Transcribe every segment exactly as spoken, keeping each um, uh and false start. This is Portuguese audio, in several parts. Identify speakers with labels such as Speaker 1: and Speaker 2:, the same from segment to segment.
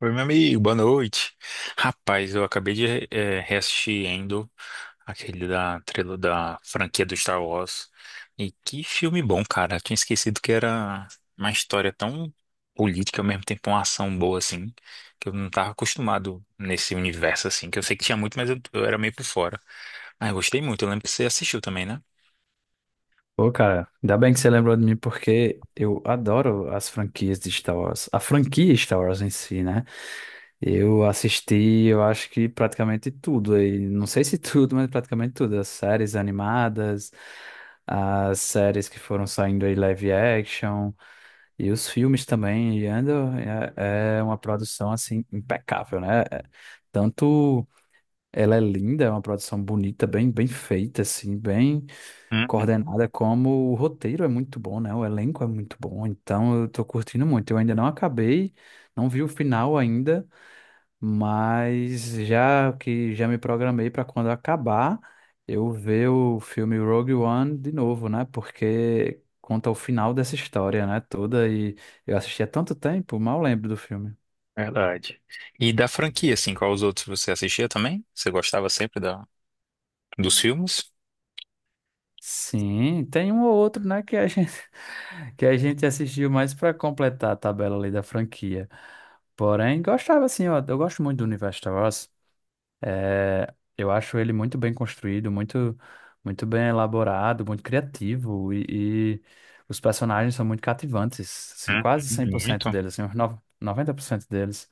Speaker 1: Oi, meu amigo, boa noite. Rapaz, eu acabei de re- eh, reassistir Endo, aquele da, trilo- da franquia do Star Wars. E que filme bom, cara. Eu tinha esquecido que era uma história tão política, ao mesmo tempo uma ação boa, assim, que eu não tava acostumado nesse universo, assim, que eu sei que tinha muito, mas eu, eu era meio por fora. Mas eu gostei muito, eu lembro que você assistiu também, né?
Speaker 2: Pô, cara, ainda bem que você lembrou de mim porque eu adoro as franquias de Star Wars. A franquia Star Wars em si, né? Eu assisti, eu acho que praticamente tudo. E não sei se tudo, mas praticamente tudo. As séries animadas, as séries que foram saindo aí live action e os filmes também. E ando, é, é uma produção, assim, impecável, né? É, tanto ela é linda, é uma produção bonita, bem, bem feita, assim, bem
Speaker 1: Uhum,
Speaker 2: coordenada, como o roteiro é muito bom, né? O elenco é muito bom, então eu tô curtindo muito. Eu ainda não acabei, não vi o final ainda, mas já que já me programei para quando acabar, eu ver o filme Rogue One de novo, né? Porque conta o final dessa história, né? Toda. E eu assisti há tanto tempo, mal lembro do filme.
Speaker 1: verdade. E da franquia, assim, qual os outros você assistia também? Você gostava sempre da, dos filmes?
Speaker 2: Sim, tem um ou outro, né, que a gente, que a gente assistiu mais para completar a tabela ali da franquia. Porém, gostava assim, eu, eu gosto muito do universo Star Wars. É, eu acho ele muito bem construído, muito, muito bem elaborado, muito criativo e, e os personagens são muito cativantes, assim,
Speaker 1: Hum.
Speaker 2: quase cem por
Speaker 1: Muito,
Speaker 2: cento deles, assim, uns nove- noventa por cento deles.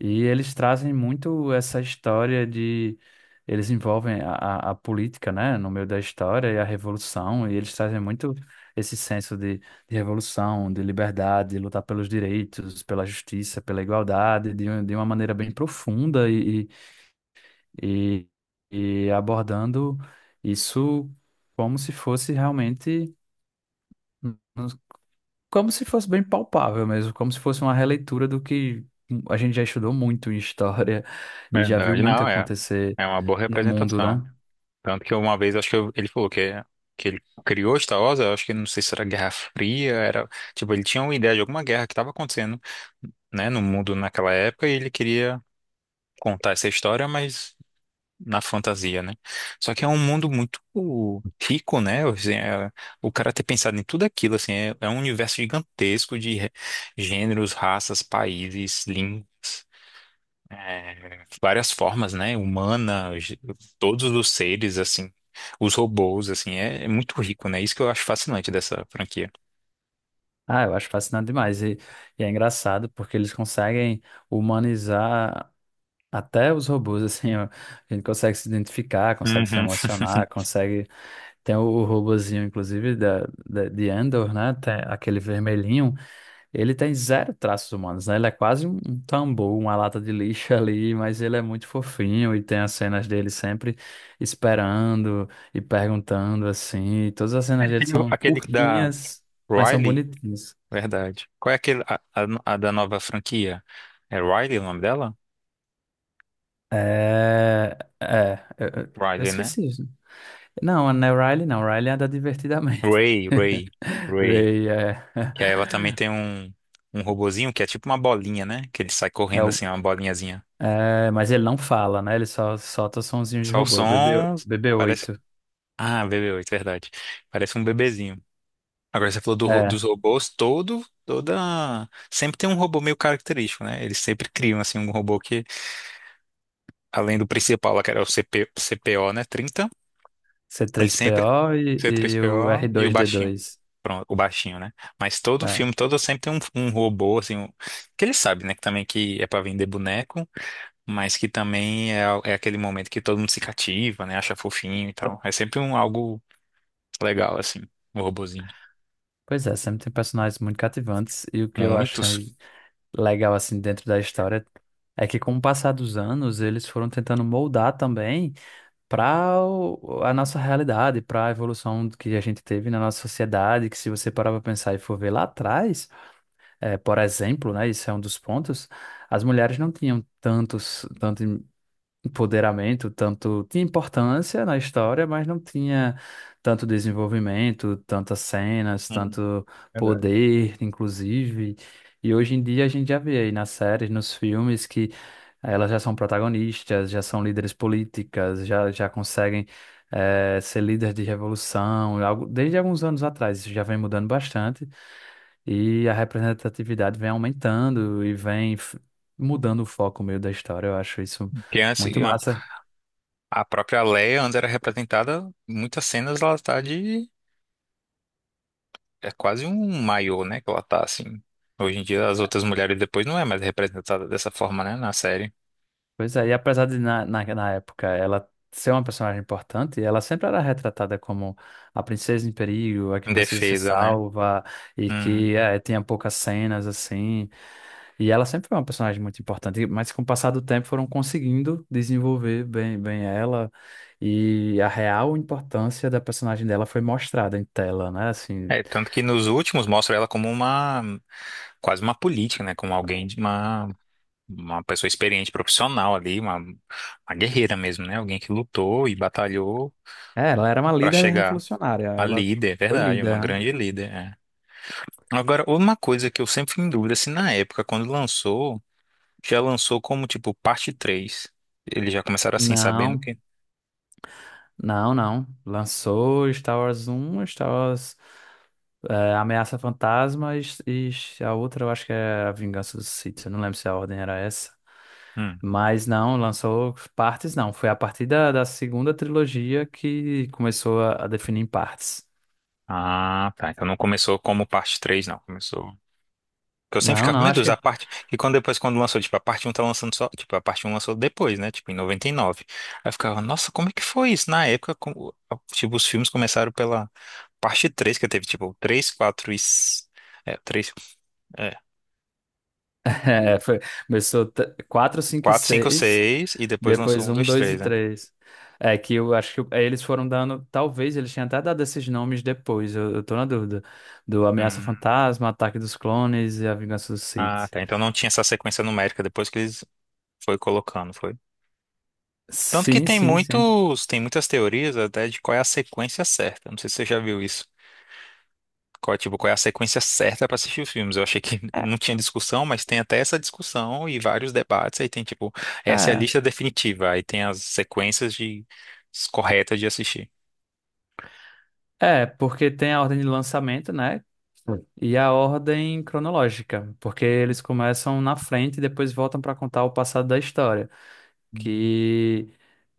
Speaker 2: E eles trazem muito essa história de. Eles envolvem a, a a política, né, no meio da história e a revolução, e eles trazem muito esse senso de, de revolução, de liberdade, de lutar pelos direitos, pela justiça, pela igualdade, de, um- de uma maneira bem profunda e, e, e e abordando isso como se fosse realmente, como se fosse bem palpável mesmo, como se fosse uma releitura do que a gente já estudou muito em história e já viu
Speaker 1: verdade.
Speaker 2: muito
Speaker 1: Não, é,
Speaker 2: acontecer
Speaker 1: é uma boa
Speaker 2: no mundo,
Speaker 1: representação.
Speaker 2: né?
Speaker 1: Tanto que uma vez, acho que eu- ele falou que, que ele criou Star Wars, eu acho que, não sei se era Guerra Fria, era, tipo, ele tinha uma ideia de alguma guerra que estava acontecendo, né, no mundo naquela época, e ele queria contar essa história, mas na fantasia, né? Só que é um mundo muito rico, né? Assim, é- o cara ter pensado em tudo aquilo, assim, é, é um universo gigantesco de re- gêneros, raças, países, línguas. É, várias formas, né? Humanas, todos os seres, assim, os robôs, assim, é, é muito rico, né? Isso que eu acho fascinante dessa franquia.
Speaker 2: Ah, eu acho fascinante demais. E, e é engraçado porque eles conseguem humanizar até os robôs, assim, ó. A gente consegue se identificar, consegue se
Speaker 1: Uhum.
Speaker 2: emocionar, consegue. Tem o, o robozinho, inclusive, da, da, de Andor, né? Tem aquele vermelhinho. Ele tem zero traços humanos, né? Ele é quase um um tambor, uma lata de lixo ali, mas ele é muito fofinho e tem as cenas dele sempre esperando e perguntando assim. E todas as cenas dele
Speaker 1: E o-
Speaker 2: são
Speaker 1: Aquele da
Speaker 2: curtinhas, mas são
Speaker 1: Riley,
Speaker 2: bonitinhas.
Speaker 1: verdade. Qual é aquele, a, a- a da nova franquia? É Riley o nome dela?
Speaker 2: É, é, eu, eu- eu
Speaker 1: Riley, né?
Speaker 2: esqueci isso. Não, não é Riley, não. Riley anda divertidamente.
Speaker 1: Ray, Ray, Ray.
Speaker 2: Ray é.
Speaker 1: Que aí ela também tem um, um robozinho que é tipo uma bolinha, né? Que ele sai
Speaker 2: é,
Speaker 1: correndo
Speaker 2: o-
Speaker 1: assim, uma bolinhazinha.
Speaker 2: é, mas ele não fala, né? Ele só solta sonzinhos de
Speaker 1: Só o
Speaker 2: robô, o B B,
Speaker 1: som, parece...
Speaker 2: B B oito.
Speaker 1: Ah, B B oito, verdade. Parece um bebezinho. Agora você falou do ro- dos robôs, todo, toda. Sempre tem um robô meio característico, né? Eles sempre criam, assim, um robô que, além do principal, lá que era o CP, C P O, né? Trinta ele sempre,
Speaker 2: C três P O e,
Speaker 1: C três
Speaker 2: e
Speaker 1: P
Speaker 2: o r
Speaker 1: O e o
Speaker 2: dois d
Speaker 1: baixinho.
Speaker 2: dois.
Speaker 1: Pronto, o baixinho, né? Mas todo
Speaker 2: É.
Speaker 1: filme, todo sempre tem um, um robô, assim, um- que ele sabe, né? Que também que é pra vender boneco, mas que também é, é aquele momento que todo mundo se cativa, né? Acha fofinho e tal. É sempre um algo legal, assim, um robozinho.
Speaker 2: Pois é, sempre tem personagens muito cativantes e o que eu
Speaker 1: Muitos.
Speaker 2: achei legal assim dentro da história é que com o passar dos anos eles foram tentando moldar também para a nossa realidade, para a evolução que a gente teve na nossa sociedade, que se você parar para pensar e for ver lá atrás, é, por exemplo, né, isso é um dos pontos. As mulheres não tinham tantos, tanto empoderamento, tanto tinha importância na história, mas não tinha tanto desenvolvimento, tantas cenas,
Speaker 1: Hum,
Speaker 2: tanto
Speaker 1: Verdade.
Speaker 2: poder, inclusive. E hoje em dia a gente já vê aí nas séries, nos filmes, que elas já são protagonistas, já são líderes políticas, já, já conseguem eh, ser líderes de revolução. Algo- Desde alguns anos atrás isso já vem mudando bastante e a representatividade vem aumentando e vem f- mudando o foco meio da história. Eu acho isso
Speaker 1: Porque antes,
Speaker 2: muito massa.
Speaker 1: a própria Leia, antes era representada, em muitas cenas ela tá de. É quase um maiô, né? Que ela tá assim. Hoje em dia, as outras mulheres depois não é mais representada dessa forma, né? Na série.
Speaker 2: Pois é, e apesar de na, na, na época ela ser uma personagem importante, ela sempre era retratada como a princesa em perigo, a que
Speaker 1: Em
Speaker 2: precisa ser
Speaker 1: defesa, né?
Speaker 2: salva e
Speaker 1: Hum.
Speaker 2: que é, tinha poucas cenas assim. E ela sempre foi uma personagem muito importante, mas com o passar do tempo foram conseguindo desenvolver bem, bem ela, e a real importância da personagem dela foi mostrada em tela, né? Assim,
Speaker 1: É, tanto que nos últimos mostra ela como uma. Quase uma política, né? Como alguém de uma. Uma pessoa experiente, profissional ali, uma, uma guerreira mesmo, né? Alguém que lutou e batalhou
Speaker 2: é, ela era uma
Speaker 1: pra
Speaker 2: líder
Speaker 1: chegar
Speaker 2: revolucionária,
Speaker 1: a
Speaker 2: ela
Speaker 1: líder, é
Speaker 2: foi
Speaker 1: verdade,
Speaker 2: líder,
Speaker 1: uma
Speaker 2: né?
Speaker 1: grande líder, é. Agora, uma coisa que eu sempre fui em dúvida, se na época, quando lançou, já lançou como, tipo, parte três. Eles já começaram assim, sabendo
Speaker 2: Não.
Speaker 1: que...
Speaker 2: Não, não. Lançou Star Wars Um, Star Wars é, Ameaça Fantasma e, e a outra eu acho que é A Vingança dos Sith. Eu não lembro se a ordem era essa.
Speaker 1: Hum.
Speaker 2: Mas não, lançou partes não. Foi a partir da, da segunda trilogia que começou a, a definir em partes.
Speaker 1: Ah, tá. Então não começou como parte três não. Começou... Que eu sempre
Speaker 2: Não,
Speaker 1: ficava,
Speaker 2: não,
Speaker 1: meu
Speaker 2: acho
Speaker 1: Deus,
Speaker 2: que
Speaker 1: a parte... E quando depois, quando lançou, tipo, a parte um tá lançando só... Tipo, a parte um lançou depois, né? Tipo, em noventa e nove. Aí eu ficava, nossa, como é que foi isso? Na época, como... Tipo, os filmes começaram pela parte três que teve, tipo, três quatro e... s- é, três... É,
Speaker 2: é, foi, começou t- quatro, cinco e
Speaker 1: quatro, cinco,
Speaker 2: seis.
Speaker 1: seis, e depois lançou
Speaker 2: Depois
Speaker 1: um
Speaker 2: um,
Speaker 1: dois
Speaker 2: dois e
Speaker 1: três,
Speaker 2: três. É que eu acho que é, eles foram dando. Talvez eles tenham até dado esses nomes depois, eu, eu tô na dúvida. Do Ameaça
Speaker 1: né?
Speaker 2: Fantasma, Ataque dos Clones e A Vingança dos
Speaker 1: Ah,
Speaker 2: Sith.
Speaker 1: tá. Então não tinha essa sequência numérica depois que eles foi colocando, foi. Tanto que
Speaker 2: Sim,
Speaker 1: tem
Speaker 2: sim, sim.
Speaker 1: muitos, tem muitas teorias até de qual é a sequência certa. Não sei se você já viu isso. Qual, é, tipo, qual é a sequência certa para assistir os filmes? Eu achei que
Speaker 2: É,
Speaker 1: não tinha discussão, mas tem até essa discussão e vários debates. Aí tem tipo, essa é a
Speaker 2: é,
Speaker 1: lista definitiva. Aí tem as sequências de corretas de assistir.
Speaker 2: é, porque tem a ordem de lançamento, né? Sim. E a ordem cronológica, porque eles começam na frente e depois voltam para contar o passado da história,
Speaker 1: Hum.
Speaker 2: que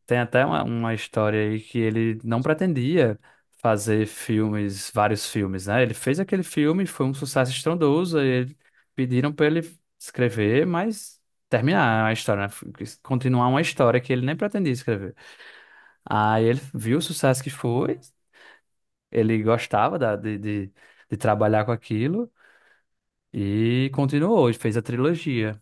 Speaker 2: tem até uma, uma história aí. Que ele não pretendia fazer filmes, vários filmes, né? Ele fez aquele filme, foi um sucesso estrondoso, e ele, pediram para ele escrever, mas terminar a história, né? F- Continuar uma história que ele nem pretendia escrever. Aí ele viu o sucesso que foi, ele gostava da- de, de, de trabalhar com aquilo e continuou, e fez a trilogia.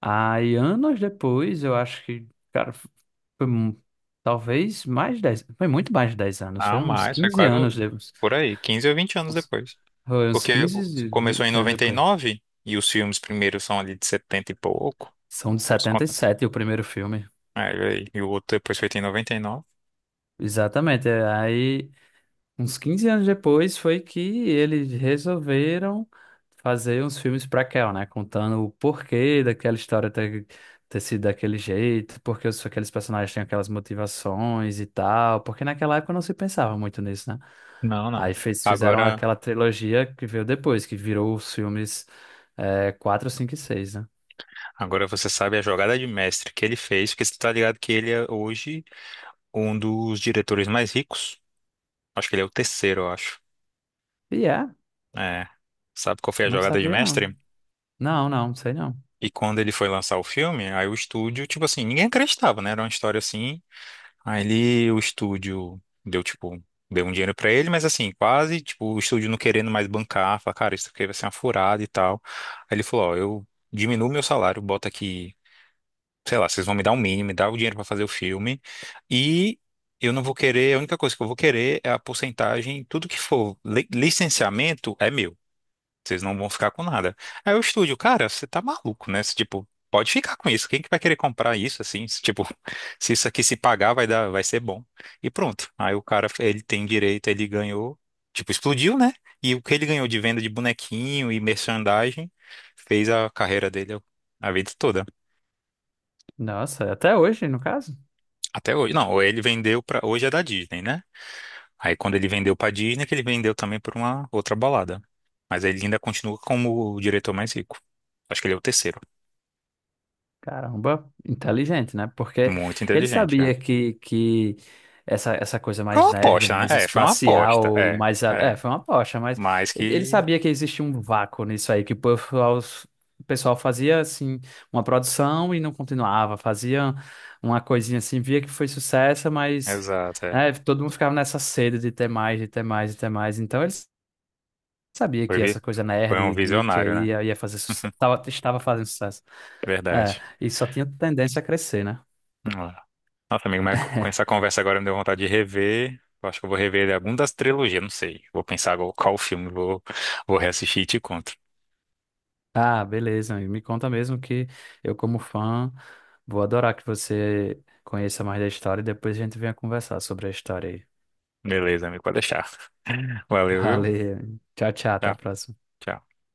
Speaker 2: Aí, anos depois, eu acho que, cara, foi mu- talvez mais de dez, foi muito mais de dez anos, foi
Speaker 1: Não,
Speaker 2: uns
Speaker 1: mais, foi
Speaker 2: quinze
Speaker 1: quase
Speaker 2: anos
Speaker 1: um-
Speaker 2: depois.
Speaker 1: por aí, quinze ou vinte anos
Speaker 2: Uns-
Speaker 1: depois.
Speaker 2: Foi uns
Speaker 1: Porque
Speaker 2: quinze
Speaker 1: o-
Speaker 2: e
Speaker 1: começou em
Speaker 2: vinte anos
Speaker 1: noventa e
Speaker 2: depois.
Speaker 1: nove e os filmes primeiros são ali de setenta e pouco.
Speaker 2: São de
Speaker 1: Os conta.
Speaker 2: setenta e sete o primeiro filme.
Speaker 1: É, olha, e o outro depois feito em noventa e nove.
Speaker 2: Exatamente. é, Aí, uns quinze anos depois foi que eles resolveram fazer uns filmes pra Kel, né? Contando o porquê daquela história ter, ter sido daquele jeito, porque os- aqueles personagens têm aquelas motivações e tal, porque naquela época não se pensava muito nisso, né?
Speaker 1: Não, não.
Speaker 2: Aí fez, fizeram
Speaker 1: Agora,
Speaker 2: aquela trilogia que veio depois, que virou os filmes é, quatro, cinco e seis, né?
Speaker 1: agora você sabe a jogada de mestre que ele fez, porque você tá ligado que ele é hoje um dos diretores mais ricos. Acho que ele é o terceiro, eu acho.
Speaker 2: E é,
Speaker 1: É. Sabe qual foi a
Speaker 2: não
Speaker 1: jogada de
Speaker 2: sabia não.
Speaker 1: mestre?
Speaker 2: Não, não, sei não.
Speaker 1: E quando ele foi lançar o filme, aí o estúdio, tipo assim, ninguém acreditava, né? Era uma história assim. Aí ele, o estúdio deu, tipo, deu um dinheiro pra ele, mas assim, quase, tipo, o estúdio não querendo mais bancar, falar, cara, isso aqui vai ser uma furada e tal. Aí ele falou, ó, eu diminuo meu salário, bota aqui, sei lá, vocês vão me dar o mínimo, me dá o dinheiro pra fazer o filme, e eu não vou querer, a única coisa que eu vou querer é a porcentagem, tudo que for li- licenciamento é meu. Vocês não vão ficar com nada. Aí o estúdio, cara, você tá maluco, né? Você, tipo, pode ficar com isso. Quem que vai querer comprar isso assim? Se, tipo, se isso aqui se pagar, vai dar, vai ser bom. E pronto. Aí o cara, ele tem direito, ele ganhou, tipo, explodiu, né? E o que ele ganhou de venda de bonequinho e merchandising fez a carreira dele a vida toda.
Speaker 2: Nossa, até hoje, no caso?
Speaker 1: Até hoje. Não, ele vendeu pra. Hoje é da Disney, né? Aí quando ele vendeu pra Disney, que ele vendeu também pra uma outra balada. Mas ele ainda continua como o diretor mais rico. Acho que ele é o terceiro.
Speaker 2: Caramba, inteligente, né? Porque
Speaker 1: Muito
Speaker 2: ele
Speaker 1: inteligente, é.
Speaker 2: sabia que, que essa, essa coisa
Speaker 1: Foi
Speaker 2: mais
Speaker 1: uma
Speaker 2: nerd,
Speaker 1: aposta,
Speaker 2: mais
Speaker 1: né? É, foi uma aposta,
Speaker 2: espacial,
Speaker 1: é,
Speaker 2: mais. a-
Speaker 1: é.
Speaker 2: É, foi uma aposta, mas
Speaker 1: Mas
Speaker 2: ele ele
Speaker 1: que.
Speaker 2: sabia que existia um vácuo nisso aí, que o pessoal, o pessoal fazia, assim, uma produção e não continuava, fazia uma coisinha assim, via que foi sucesso, mas,
Speaker 1: Exato, é.
Speaker 2: né, todo mundo ficava nessa sede de ter mais, de ter mais, de ter mais. Então ele sabia
Speaker 1: Foi,
Speaker 2: que
Speaker 1: vi-
Speaker 2: essa coisa
Speaker 1: foi
Speaker 2: nerd,
Speaker 1: um
Speaker 2: geek
Speaker 1: visionário,
Speaker 2: aí
Speaker 1: né?
Speaker 2: ia ia fazer sucesso, tava- estava fazendo sucesso. É,
Speaker 1: Verdade.
Speaker 2: e só tinha tendência a crescer, né?
Speaker 1: Vamos lá. Nossa, amigo, mas com essa conversa agora me deu vontade de rever. Eu acho que eu vou rever ele algum das trilogias, não sei. Vou pensar agora qual filme vou, vou reassistir e te conto.
Speaker 2: Ah, beleza, amigo. Me conta mesmo que eu, como fã, vou adorar que você conheça mais da história e depois a gente venha conversar sobre a história aí.
Speaker 1: Beleza, amigo, pode deixar. Valeu, viu?
Speaker 2: Valeu. Tchau, tchau. Até
Speaker 1: Tchau,
Speaker 2: a próxima.
Speaker 1: tchau.